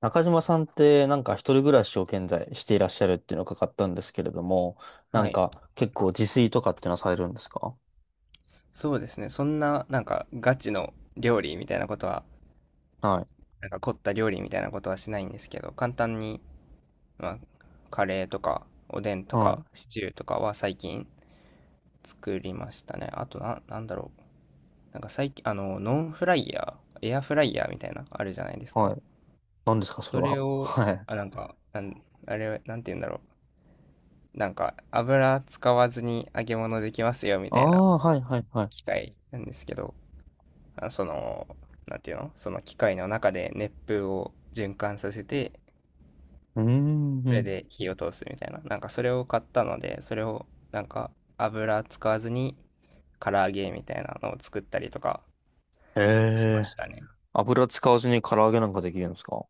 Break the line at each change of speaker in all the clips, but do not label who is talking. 中島さんってなんか一人暮らしを現在していらっしゃるっていうのを伺ったんですけれども、な
は
ん
い。
か結構自炊とかっていうのはされるんですか？
そうですね。そんな、なんか、ガチの料理みたいなことは、
はい。
なんか凝った料理みたいなことはしないんですけど、簡単に、まあ、カレーとか、おでんと
はい。
か、シチューとかは最近作りましたね。あとな、なんだろう。なんか最近、ノンフライヤー、エアフライヤーみたいな、あるじゃないです
は
か。
い。何ですかそれ
それ
は？
を、
はい。
あ、なんか、あれ、なんて言うんだろう。なんか、油使わずに揚げ物できますよ、み
あ
たいな
あ、はい、はい、はい。
機械なんですけど、その、なんていうのその機械の中で熱風を循環させて、
うーん。う
それ
ん。
で火を通すみたいな。なんかそれを買ったので、それをなんか油使わずに唐揚げみたいなのを作ったりとか
え
しま
え。
したね。
油使わずに唐揚げなんかできるんですか？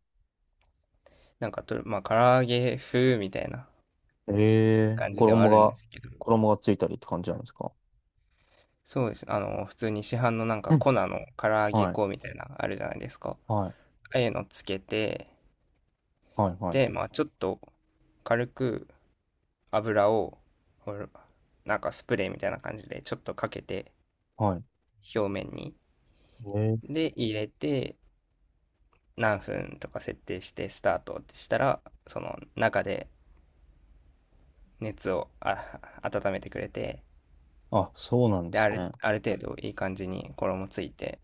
なんかと、まあ唐揚げ風みたいな
ええ。
感じではあ
衣
るんで
が、
すけど、
衣がついたりって感じなんですか？
そうです。あの、普通に市販のなん
う
か
ん。
粉の唐揚げ
はい。
粉みたいな、あるじゃないですか。
はい。
ああいうのつけて、
はい、はい、
で、まあちょっと軽く油を、ほなんかスプレーみたいな感じでちょっとかけて
はい。
表面に。
ええ。
で、入れて何分とか設定してスタートってしたら、その中で熱をあ温めてくれて、
あ、そうなんで
で、
すね。
ある程度いい感じに衣ついて、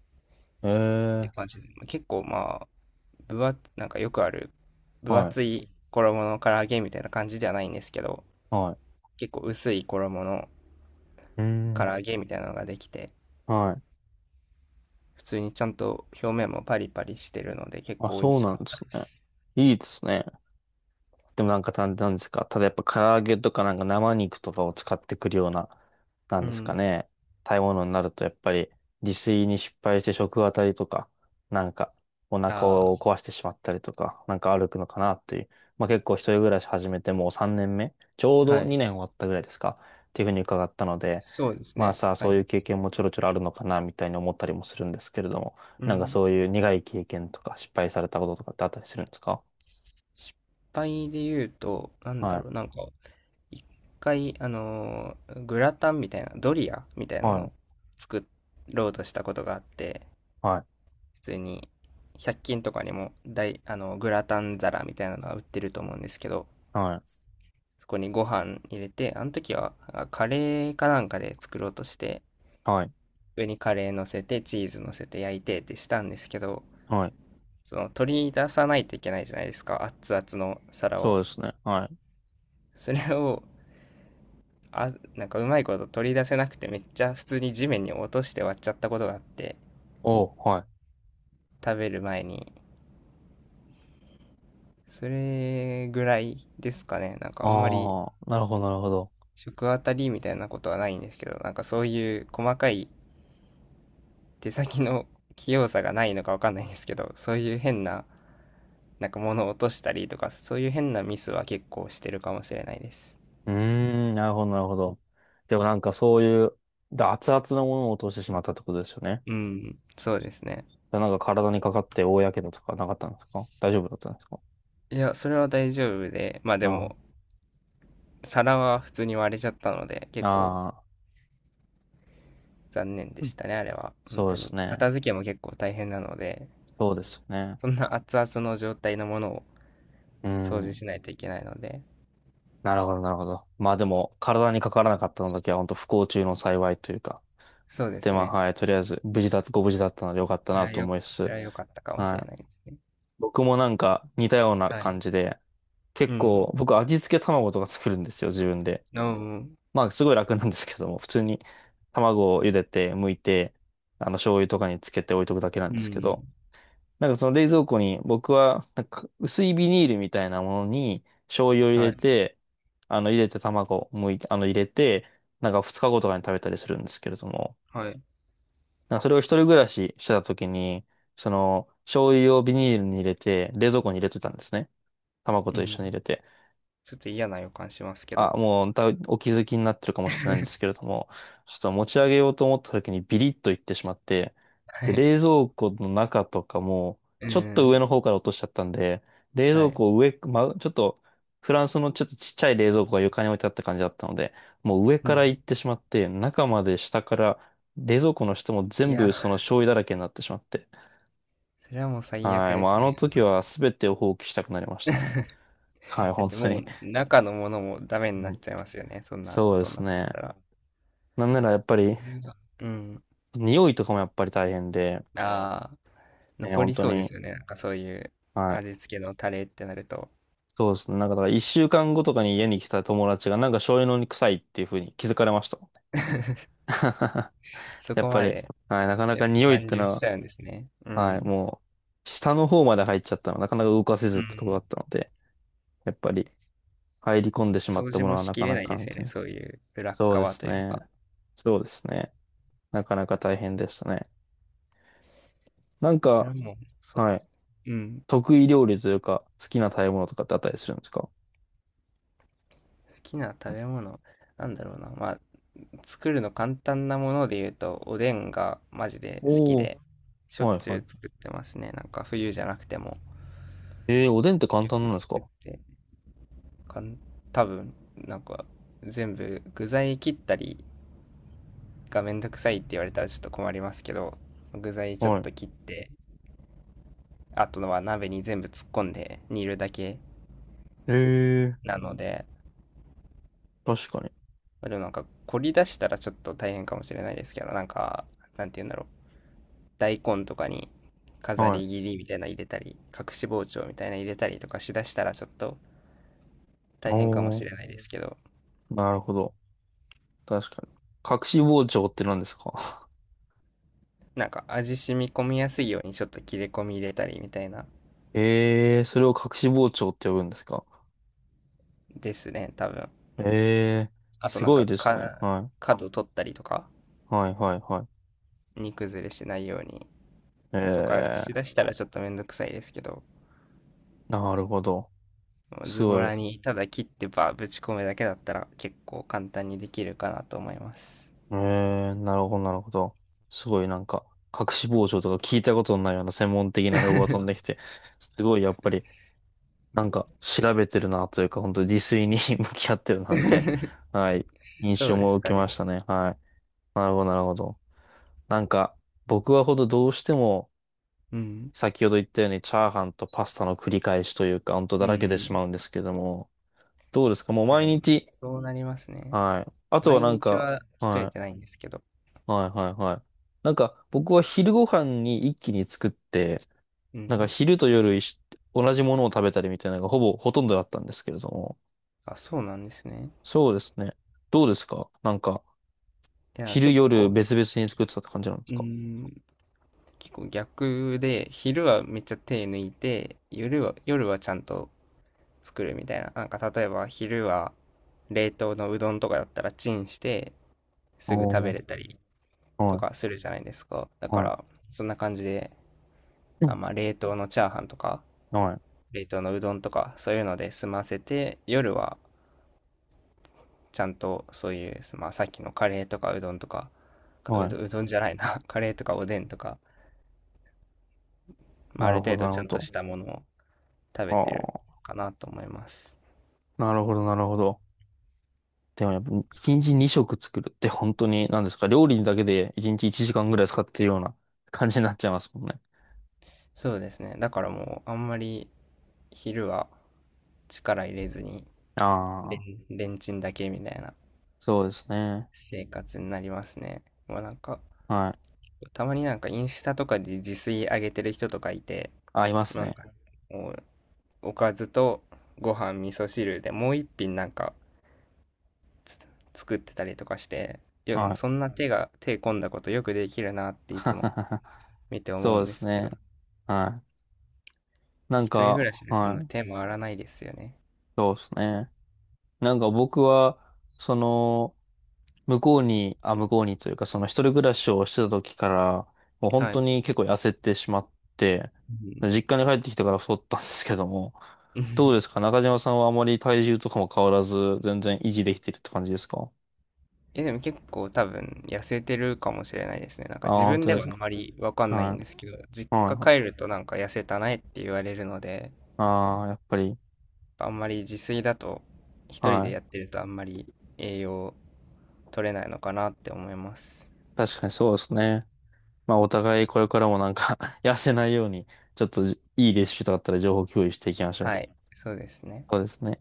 って
え
感
え。
じで。結構まあ、なんかよくある分
はい、
厚い衣の唐揚げみたいな感じではないんですけど、
はい。
結構薄い衣の
うー
唐
ん。
揚げみたいなのができて、
はい。
普通にちゃんと表面もパリパリしてるので結
あ、
構美味
そう
し
な
か
ん
っ
で
た
す
で
ね。
す。
いいですね。でもなんか、なんなんですか、ただやっぱ唐揚げとかなんか生肉とかを使ってくるような、な
う
んですか
ん。
ね。食べ物になるとやっぱり自炊に失敗して食当たりとか、なんかお腹を
あ
壊してしまったりとか、なんか歩くのかなっていう。まあ結構一人暮らし始めてもう3年目、ちょう
あ、は
ど
い。
2年終わったぐらいですか、っていうふうに伺ったので、
そうです
まあ
ね。
さあ
は
そうい
い。
う経験もちょろちょろあるのかなみたいに思ったりもするんですけれども、
う
なんか
ん。
そういう苦い経験とか失敗されたこととかってあったりするんですか？
失敗で言うと、なんだ
はい。
ろう、なんか、一回、グラタンみたいな、ドリアみたいなの
は
を
い。
作ろうとしたことがあって、
はい。
普通に、100均とかにも大、あの、グラタン皿みたいなのが売ってると思うんですけど、
はい。
そこにご飯入れて、あの時はカレーかなんかで作ろうとして、
はい。
上にカレー乗せて、チーズ乗せて焼いてってしたんですけど、
はい。
その取り出さないといけないじゃないですか、熱々の皿
そ
を。
うですね。はい。
それを、あ、なんかうまいこと取り出せなくてめっちゃ普通に地面に落として割っちゃったことがあって、
おう、はい。
食べる前に。それぐらいですかね。なんかあんまり
ああ、なるほど、なるほど。
食あたりみたいなことはないんですけど、なんかそういう細かい手先の器用さがないのかわかんないんですけど、そういう変ななんか物を落としたりとか、そういう変なミスは結構してるかもしれないです。
うーん、なるほど、なるほど。でもなんかそういう、熱々のものを落としてしまったってことですよね。
うん、そうですね。
なんか体にかかって大やけどとかなかったんですか？大丈夫だったんですか？
いや、それは大丈夫で、まあでも、
あ
皿は普通に割れちゃったので、
あ、
結構
ああ、
残念で
うん。
したね、あれは。本
そう
当
で
に。
すね。
片付けも結構大変なので、
そうですよね。
そんな熱々の状態のものを
う
掃除
ん。
しないといけないので、
なるほど、なるほど。まあでも、体にかからなかったのだけは本当不幸中の幸いというか。
そうで
で、
す
まあ、
ね。
はい、とりあえず、無事だ、ご無事だったのでよかったなと思いつ
そ
つ、
れは良かったかもしれ
はい。
ないですね。
僕もなんか似たような
はい。
感じで、
う
結
ん。
構僕味付け卵とか作るんですよ、自分で。
うん。
まあすごい楽なんですけども、普通に卵を茹でて、剥いて、あの醤油とかにつけて置いとくだけなん
う
ですけ
ん。
ど、なんかその冷蔵庫に僕はなんか薄いビニールみたいなものに醤油を入
は
れ
い。
て、あの入れて卵を剥いて、あの入れて、なんか2日後とかに食べたりするんですけれども、
はい。
なんかそれを一人暮らししてた時に、その醤油をビニールに入れて冷蔵庫に入れてたんですね。卵
う
と一
ん。
緒に入れて。
ちょっと嫌な予感しますけど。
あ、もう、お気づきになってるかもしれないんです けれども、ちょっと持ち上げようと思った時にビリッといってしまって、
は
で、
い。
冷蔵庫の中とかも、
うー
ちょっと上
ん。
の方から落としちゃったんで、冷
は
蔵
い。
庫を上、ま、ちょっと、フランスのちょっとちっちゃい冷蔵庫が床に置いてあった感じだったので、もう上
う
か
ん。
ら行ってしまって、中まで下から、冷蔵庫の下も
い
全
や、
部その醤油だらけになってしまって、
それはもう最悪
はい、
で
もう
す
あの
ね。
時は全てを放棄したくなりましたね。はい、
だっ
本
て
当
も
に。
う中のものもダメにな
う
っ
ん。
ちゃいますよね。そんな
そ
こ
うで
とに
す
なっちゃった
ね。
ら。
なんならやっぱり、
それはうん。
匂いとかもやっぱり大変で、
ああ、
ね、
残
本
り
当
そうで
に、
すよね。なんかそういう
はい。
味付けのタレってなると、
そうですね。なんか、だから一週間後とかに家に来た友達が、なんか醤油のに臭いっていう風に気づかれましたもんね。
そ
やっ
こ
ぱ
ま
り、
で
はい、なかな
やっ
か
ぱ
匂いっ
残
て
留し
の
ちゃうんですね。う
は、はい、
ん。
もう、下の方まで入っちゃったの、なかなか動かせず
う
ってとこだ
ん。
ったので、やっぱり、入り込んでしまっ
掃
た
除
もの
も
は
し
な
き
か
れ
な
ない
か、
です
み
よ
たい
ね。
な。
そういう裏っ
そうで
側
す
という
ね。
か。
そうですね。なかなか大変でしたね。なん
それ
か、
はもうそうで
はい、
す。うん。
得意料理というか、好きな食べ物とかってあったりするんですか？
好きな食べ物、なんだろうな。まあ、作るの簡単なもので言うと、おでんがマジで好き
お。は
で、しょっ
い
ちゅ
は
う
い。
作ってますね。なんか冬じゃなくても。
えー、おでんって簡
よ
単
く
なんです
作っ
か？
て、かん、多分、なんか全部具材切ったりがめんどくさいって言われたらちょっと困りますけど、具材ちょっ
はい。
と切って、あとは鍋に全部突っ込んで煮るだけ
えー、
なので、
確かに。
でもなんか凝り出したらちょっと大変かもしれないですけど、なんか、なんて言うんだろう。大根とかに飾
はい。
り切りみたいなの入れたり、隠し包丁みたいなの入れたりとかしだしたらちょっと大
お
変かもしれな
ー、
いですけど、
なるほど。確かに。隠し包丁って何ですか？
なんか味染み込みやすいようにちょっと切れ込み入れたりみたいな
えー、それを隠し包丁って呼ぶんですか？
ですね、多分。
えー、
あと
す
なん
ごい
か
ですね。はい。
角取ったりとか、
はいはいはい。
煮崩れしないように
え
とかし
ー、
だしたらちょっとめんどくさいですけど、
なるほど。す
ズボ
ごい。
ラにただ切ってばぶち込むだけだったら結構簡単にできるかなと思います。
えー、なるほどなるほど。すごいなんか、隠し包丁とか聞いたことのないような専門的な用語が飛んできて、すごいやっぱりなんか調べてるなというか、本当に自炊に 向き合ってるなみたいな、はい、印
そ
象
うで
も
す
受
か
けま
ね。
したね。はい。なるほど、なるほど。なんか、僕はどうしても、
うん。
先ほど言ったようにチャーハンとパスタの繰り返しというか、本当
う
だ
んう
らけてし
ん。
まうんですけども、どうですかもう
で
毎
も、
日、
そうなりますね。
はい。あとは
毎
なん
日
か、
は作れ
は
てないんですけど。
い、はい、はい、はい。なんか、僕は昼ご飯に一気に作って、
う
なんか
ん。
昼と夜同じものを食べたりみたいなのがほぼほとんどだったんですけれども、
あ、そうなんですね。
そうですね。どうですかなんか、
いや、
昼
結
夜
構、
別々に作ってたって感じなんです
う
か？
ん、結構逆で、昼はめっちゃ手抜いて、夜は、夜はちゃんと作るみたいな。なんか例えば昼は冷凍のうどんとかだったらチンしてすぐ食
お
べ
ー、
れたりと
はい、
かするじゃないですか。だか
は
ら、そんな感じで、
い、う
あ、
ん。
まあ冷凍のチャーハンとか、
はい、
冷凍のうどんとか、そういうので済ませて、夜はちゃんとそういう、まあ、さっきのカレーとかうどんとか、
はい。
うどんじゃないな、カレーとかおでんとか、まあ、
な
ある
るほ
程
ど、な
度
る
ちゃ
ほ
んと
ど。
したものを食べてる
ああ、
かなと思います。
なるほど、なるほど。でもやっぱ、一日二食作るって本当に、何ですか、料理だけで一日一時間ぐらい使ってるような感じになっちゃいますもんね。
そうですね。だからもうあんまり昼は力入れずに、
ああ、
レンチンだけみたいな
そうですね。
生活になりますね。もうなんか、
はい。
たまになんかインスタとかで自炊上げてる人とかいて、
合います
なん
ね。
か、お、おかずとご飯、味噌汁でもう一品なんか作ってたりとかして、いや、も
は
う
い。
そんな手込んだことよくできるなっていつも 見て思
そ
う
う
ん
で
で
す
すけ
ね。
ど、
はい。なん
一人暮
か、
らしでそん
は
な
い。
手回らないですよね。
そうですね。なんか僕は、その、向こうにというか、その一人暮らしをしてた時から、もう本
は
当
い。
に結構痩せてしまって、
うん
実家に帰ってきてから太ったんですけども、どうですか 中島さんはあまり体重とかも変わらず、全然維持できてるって感じですか？
いや、でも結構多分痩せてるかもしれないですね。なん
あ
か
あ
自
ー、本
分
当
で
で
は
す
あん
か？
まりわかんない
は
ん
い。
ですけど、実
はい
家
はい。
帰るとなんか痩せたねって言われるので、
ああ、やっぱり、
あんまり自炊だと一人
は
でやっ
い。
てるとあんまり栄養取れないのかなって思います。
確かにそうですね。まあ、お互いこれからもなんか 痩せないように、ちょっといいレシピとかあったら情報共有していきましょう。
はい、そうですね。
そうですね。